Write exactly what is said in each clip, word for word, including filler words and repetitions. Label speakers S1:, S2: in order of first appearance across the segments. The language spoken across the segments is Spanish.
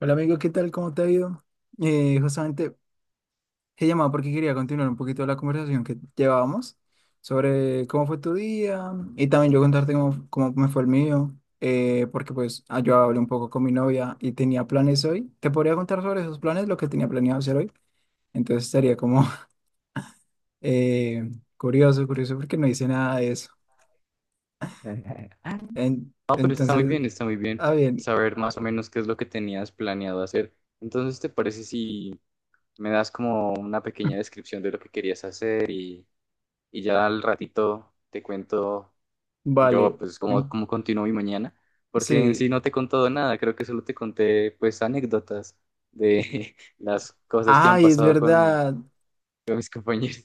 S1: Hola amigo, ¿qué tal? ¿Cómo te ha ido? Eh, justamente he llamado porque quería continuar un poquito la conversación que llevábamos sobre cómo fue tu día y también yo contarte cómo, cómo me fue el mío, eh, porque pues ah, yo hablé un poco con mi novia y tenía planes hoy. Te podría contar sobre esos planes, lo que tenía planeado hacer hoy. Entonces estaría como eh, curioso, curioso porque no hice nada de eso. En-
S2: No, pero está muy
S1: entonces,
S2: bien, está muy bien
S1: ah bien,
S2: saber más o menos qué es lo que tenías planeado hacer. Entonces, ¿te parece si me das como una pequeña descripción de lo que querías hacer y, y ya al ratito te cuento yo
S1: vale.
S2: pues cómo,
S1: En-
S2: cómo continúo mi mañana? Porque en
S1: sí.
S2: sí no te he contado nada, creo que solo te conté pues anécdotas de las cosas que han
S1: Ay, es
S2: pasado con,
S1: verdad.
S2: con mis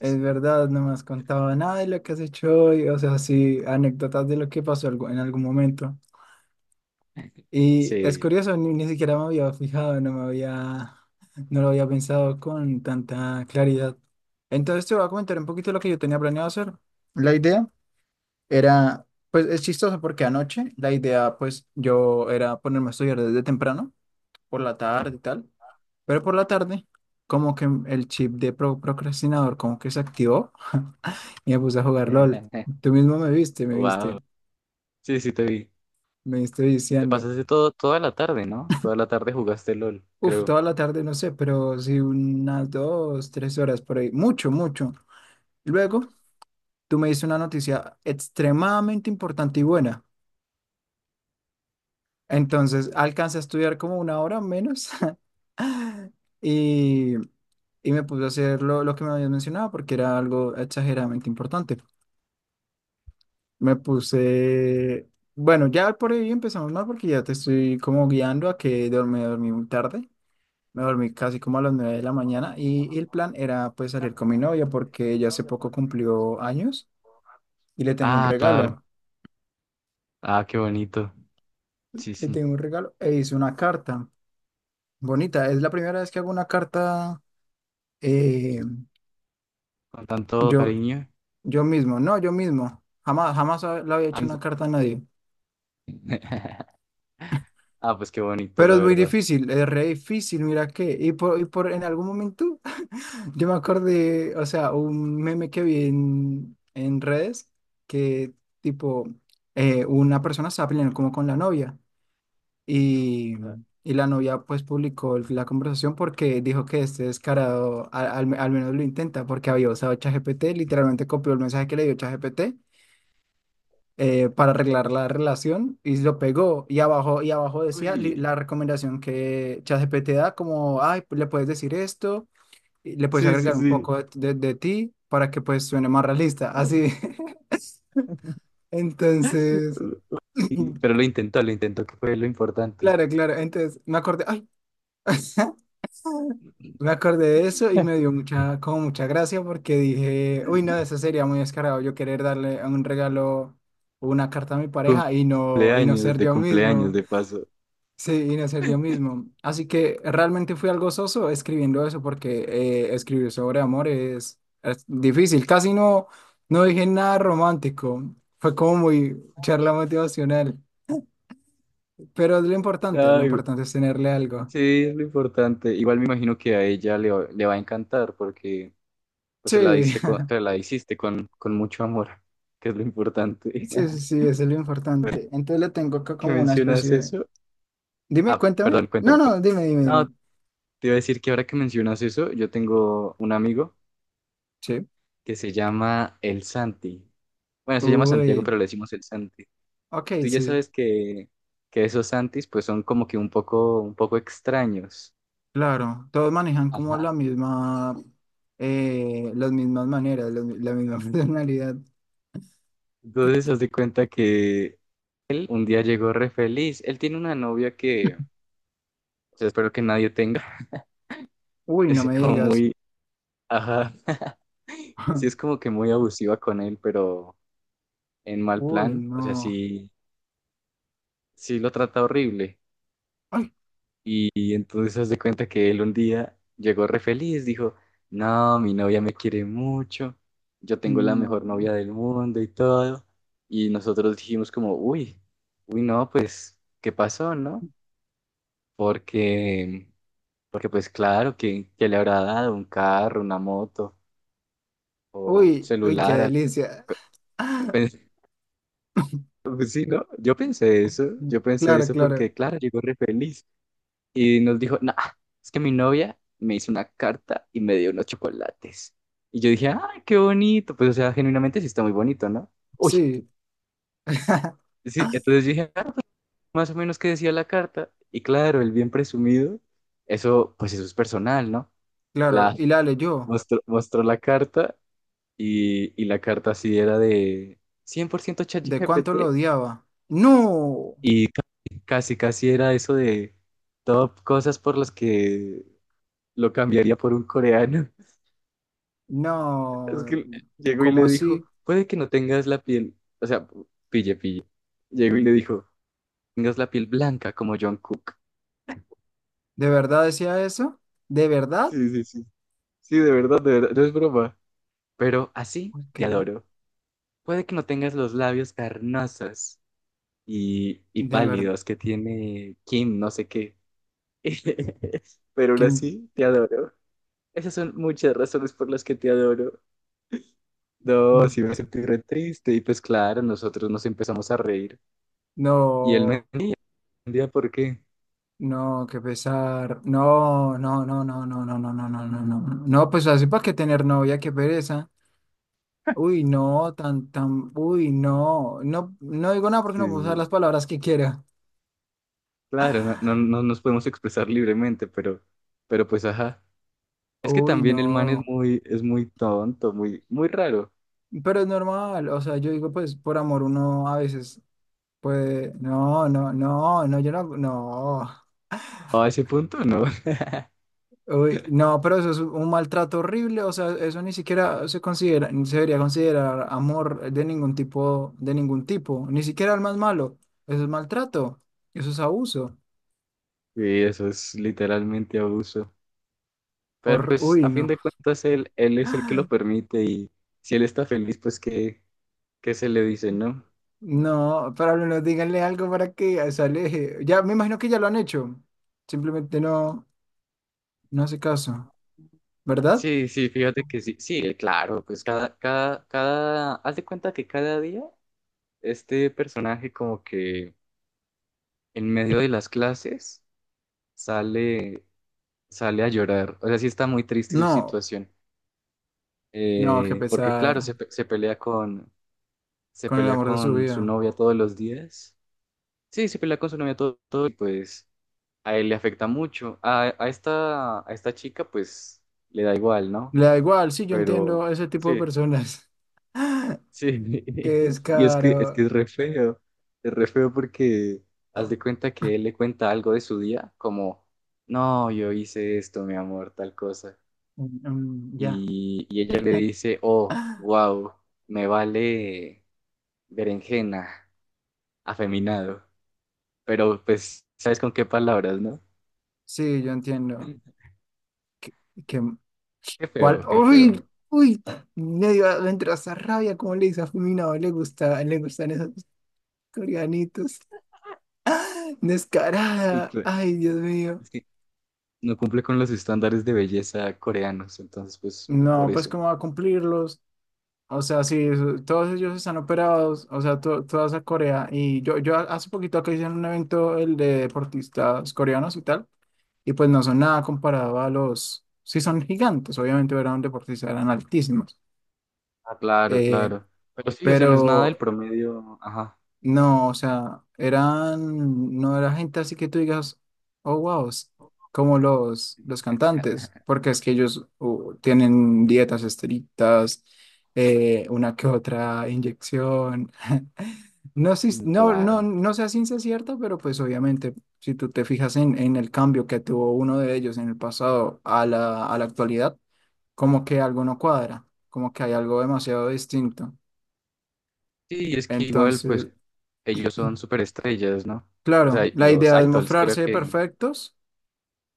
S1: Es verdad, no me has contado nada de lo que has hecho hoy, o sea, sí, anécdotas de lo que pasó algo- en algún momento. Y es
S2: Sí.
S1: curioso, ni, ni siquiera me había fijado, no me había, no lo había pensado con tanta claridad. Entonces te voy a comentar un poquito lo que yo tenía planeado hacer. La idea era, pues es chistoso porque anoche la idea, pues yo era ponerme a estudiar desde temprano, por la tarde y tal, pero por la tarde como que el chip de pro- procrastinador como que se activó. Y me puse a jugar LOL. Tú mismo me viste, me
S2: Wow.
S1: viste,
S2: Sí, sí, te vi.
S1: me viste
S2: Te
S1: viciando.
S2: pasaste todo, toda la tarde, ¿no? Toda la tarde jugaste L O L,
S1: Uf,
S2: creo.
S1: toda la tarde, no sé, pero sí unas dos, tres horas por ahí. Mucho, mucho. Luego, tú me diste una noticia extremadamente importante y buena. Entonces, alcancé a estudiar como una hora menos y, y me puse a hacer lo, lo que me habías mencionado porque era algo exageradamente importante. Me puse... Bueno, ya por ahí empezamos mal porque ya te estoy como guiando a que dormí, dormí muy tarde. Me dormí casi como a las nueve de la mañana y, y el plan era pues salir con mi novia porque ella hace poco cumplió años y le tengo un
S2: Ah,
S1: regalo.
S2: claro. Ah, qué bonito. Sí,
S1: Le
S2: sí.
S1: tengo un regalo e hice una carta bonita. Es la primera vez que hago una carta eh,
S2: Con tanto
S1: yo,
S2: cariño.
S1: yo mismo, no, yo mismo. Jamás, jamás ha- le había
S2: Ah,
S1: hecho una carta a nadie.
S2: Ah, pues qué bonito,
S1: Pero
S2: la
S1: es muy
S2: verdad.
S1: difícil, es re difícil, mira qué. Y por, y por en algún momento yo me acordé, o sea, un meme que vi en, en redes que tipo eh, una persona estaba peleando como con la novia y, y la novia pues publicó el- la conversación porque dijo que este descarado a- al, al menos lo intenta porque había usado ChatGPT, literalmente copió el mensaje que le dio ChatGPT eh, para arreglar la relación y lo pegó y abajo, y abajo decía
S2: Uy,
S1: li- la recomendación que ChatGPT da como, ay, le puedes decir esto y le puedes agregar un poco de, de- de ti para que pues suene más realista, así. Entonces,
S2: uy, pero lo intentó, lo intentó, que fue lo importante.
S1: claro, claro, entonces me acordé, ay, me acordé de eso y me dio mucha, como mucha gracia porque dije, uy, no, eso sería muy descarado yo querer darle un regalo o una carta a mi pareja y no, y no
S2: Cumpleaños,
S1: ser
S2: de
S1: yo
S2: cumpleaños,
S1: mismo.
S2: de paso.
S1: Sí, y no ser yo mismo. Así que realmente fui algo soso escribiendo eso porque eh, escribir sobre amor es, es difícil. Casi no, no dije nada romántico. Fue como muy charla motivacional. Pero es lo importante, lo
S2: Ay, güey,
S1: importante es tenerle algo.
S2: sí, es lo importante. Igual me imagino que a ella le, va- le va a encantar porque pues, se la
S1: Sí,
S2: diste con- se la hiciste con, con mucho amor, que es lo importante.
S1: sí, sí, sí, eso es lo importante. Entonces le tengo acá
S2: ¿Que
S1: como una especie
S2: mencionas
S1: de...
S2: eso?
S1: Dime,
S2: Ah,
S1: cuéntame.
S2: perdón,
S1: No,
S2: cuéntame,
S1: no,
S2: cuéntame.
S1: dime, dime,
S2: No,
S1: dime.
S2: te iba a decir que ahora que mencionas eso, yo tengo un amigo
S1: Sí.
S2: que se llama El Santi. Bueno, se llama Santiago,
S1: Uy,
S2: pero le decimos El Santi.
S1: ok,
S2: Tú ya
S1: sí.
S2: sabes que, que esos Santis pues son como que un poco, un poco extraños.
S1: Claro, todos manejan
S2: Ajá.
S1: como la misma, eh, las mismas maneras, la, la misma personalidad.
S2: Entonces, haz de cuenta que él un día llegó re feliz. Él tiene una novia que, o sea, espero que nadie tenga.
S1: Uy, no
S2: Es
S1: me
S2: como
S1: digas.
S2: muy, ajá. Sí, es como que muy abusiva con él, pero en mal
S1: Uy,
S2: plan. O sea,
S1: no.
S2: sí, sí lo trata horrible.
S1: Ay,
S2: Y, entonces haz de cuenta que él un día llegó re feliz, dijo, no, mi novia me quiere mucho, yo tengo la
S1: no.
S2: mejor novia del mundo y todo. Y nosotros dijimos como, uy, uy, no, pues, ¿qué pasó, no? Porque, porque pues claro, que, que le habrá dado un carro, una moto o un
S1: Uy, uy, qué
S2: celular, algo.
S1: delicia.
S2: Pens- Pues, sí, ¿no? Yo pensé eso, yo pensé
S1: Claro,
S2: eso
S1: claro.
S2: porque, claro, llegó re feliz. Y nos dijo, nah, es que mi novia me hizo una carta y me dio unos chocolates. Y yo dije, ah, qué bonito. Pues, o sea, genuinamente sí está muy bonito, ¿no? Uy,
S1: Sí,
S2: sí. Entonces yo dije, ah, más o menos qué decía la carta. Y claro, el bien presumido, eso, pues eso es personal, ¿no?
S1: claro.
S2: La
S1: Y la leyó.
S2: Mostró, mostró la carta y, y la carta sí era de cien por ciento
S1: ¿De cuánto lo
S2: chat G P T
S1: odiaba? No,
S2: y ca- casi, casi era eso de top cosas por las que lo cambiaría por un coreano. Es
S1: no.
S2: que llegó y
S1: ¿Cómo
S2: le dijo,
S1: así?
S2: puede que no tengas la piel, o sea, pille, pille. Llegó y le dijo, tengas la piel blanca como John Cook.
S1: ¿De verdad decía eso? ¿De verdad?
S2: Sí, sí, sí. Sí, de verdad, de verdad, no es broma. Pero así
S1: Uy,
S2: te
S1: qué-
S2: adoro. Puede que no tengas los labios carnosos y, y
S1: de verdad.
S2: pálidos que tiene Kim, no sé qué. Pero aún
S1: ¿Quién?
S2: así, te adoro. Esas son muchas razones por las que te adoro. Oh, sí, me sentí re triste. Y pues claro, nosotros nos empezamos a reír. Y él me
S1: No.
S2: entendía por qué.
S1: No, qué pesar. No, no, no, no, no, no, no, no, no, no, no. No, pues así para que tener novia, qué pereza. Uy, no, tan, tan, uy, no. No, no digo nada porque no puedo usar
S2: Sí,
S1: las palabras que quiera.
S2: claro, no, no, no nos podemos expresar libremente, pero, pero pues ajá. Es que
S1: Uy,
S2: también el man es
S1: no.
S2: muy, es muy tonto, muy, muy raro.
S1: Pero es normal. O sea, yo digo, pues, por amor uno a veces puede. No, no, no, no, yo no, no.
S2: A ese punto no.
S1: Uy, no, pero eso es un maltrato horrible, o sea, eso ni siquiera se considera, ni se debería considerar amor de ningún tipo, de ningún tipo, ni siquiera el más malo. Eso es maltrato, eso es abuso.
S2: Y eso es literalmente abuso. Pero
S1: Hor-
S2: pues
S1: uy,
S2: a fin
S1: no.
S2: de cuentas él, él es el que lo permite y si él está feliz, pues qué, qué se le dice, ¿no?
S1: No, pero no, díganle algo para que se aleje. Ya, me imagino que ya lo han hecho. Simplemente no, no hace caso, ¿verdad?
S2: Sí, sí, fíjate que sí, sí, claro, pues cada, cada, cada, haz de cuenta que cada día este personaje como que en medio de las clases sale sale a llorar. O sea, sí está muy triste su
S1: No,
S2: situación.
S1: no, que
S2: Eh, porque
S1: pesar
S2: claro, se, pe- se pelea con, se
S1: con el
S2: pelea
S1: amor de su
S2: con su
S1: vida.
S2: novia todos los días. Sí, se pelea con su novia todo, todo y pues a él le afecta mucho. A, a esta, a esta chica pues le da igual, ¿no?
S1: Le da igual, sí, yo entiendo
S2: Pero
S1: ese tipo de
S2: sí,
S1: personas.
S2: sí.
S1: Qué
S2: Y es que, es que
S1: descaro.
S2: es re feo. Es re feo porque haz de cuenta que él le cuenta algo de su día, como, no, yo hice esto, mi amor, tal cosa.
S1: Mm, mm, ya.
S2: Y, y ella le dice, oh, wow, me vale berenjena, afeminado, pero pues, ¿sabes con qué palabras, no?
S1: Sí, yo entiendo. Que, que-
S2: Qué
S1: ¿cuál?
S2: feo, qué
S1: ¡Uy!
S2: feo.
S1: ¡Uy! Medio adentro esa rabia, como le dice a Fulminado, le gusta, le gustan esos coreanitos.
S2: Y
S1: Descarada.
S2: cl-
S1: Ay, Dios mío.
S2: es que no cumple con los estándares de belleza coreanos, entonces pues por
S1: No, pues
S2: eso.
S1: cómo va a cumplirlos. O sea, sí, eso- todos ellos están operados, o sea, to- toda esa Corea. Y yo, yo hace poquito acá hice un evento, el de deportistas coreanos y tal, y pues no son nada comparado a los, sí son gigantes, obviamente eran deportistas, eran altísimos.
S2: Ah, claro,
S1: Eh,
S2: claro. Pero sí, o sea, no es nada del
S1: pero
S2: promedio, ajá.
S1: no, o sea, eran, no era gente así que tú digas, oh, wow, s- como los, los cantantes, porque es que ellos uh, tienen dietas estrictas, eh, una que otra inyección. No, sé-
S2: Mm,
S1: si, no, no,
S2: claro.
S1: no sé a ciencia cierta, pero pues obviamente, si tú te fijas en, en el cambio que tuvo uno de ellos en el pasado a la, a la actualidad, como que algo no cuadra, como que hay algo demasiado distinto.
S2: Sí, es que igual pues
S1: Entonces...
S2: ellos son superestrellas, ¿no? O sea,
S1: Claro, la
S2: los
S1: idea es
S2: idols creo
S1: mostrarse
S2: que.
S1: perfectos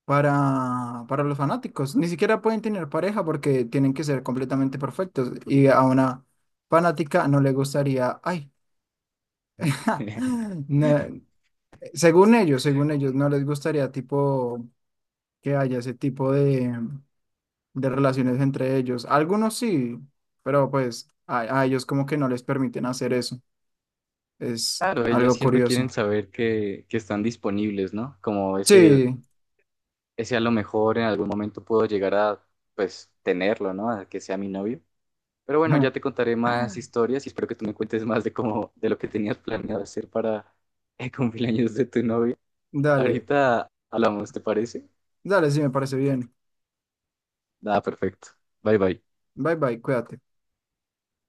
S1: para, para los fanáticos. Ni siquiera pueden tener pareja porque tienen que ser completamente perfectos. Y a una fanática no le gustaría, ay, no, según ellos, según ellos, no les gustaría tipo que haya ese tipo de, de relaciones entre ellos. Algunos sí, pero pues a, a ellos como que no les permiten hacer eso. Es
S2: Claro, ellos
S1: algo
S2: siempre
S1: curioso.
S2: quieren saber que, que están disponibles, ¿no? Como ese,
S1: Sí,
S2: ese a lo mejor en algún momento puedo llegar a, pues, tenerlo, ¿no? A que sea mi novio. Pero bueno, ya te contaré más historias y espero que tú me cuentes más de cómo, de lo que tenías planeado hacer para el cumpleaños de tu novio.
S1: dale,
S2: Ahorita hablamos, ¿te parece?
S1: dale, sí me parece bien.
S2: Nada, perfecto. Bye bye.
S1: Bye bye, cuídate.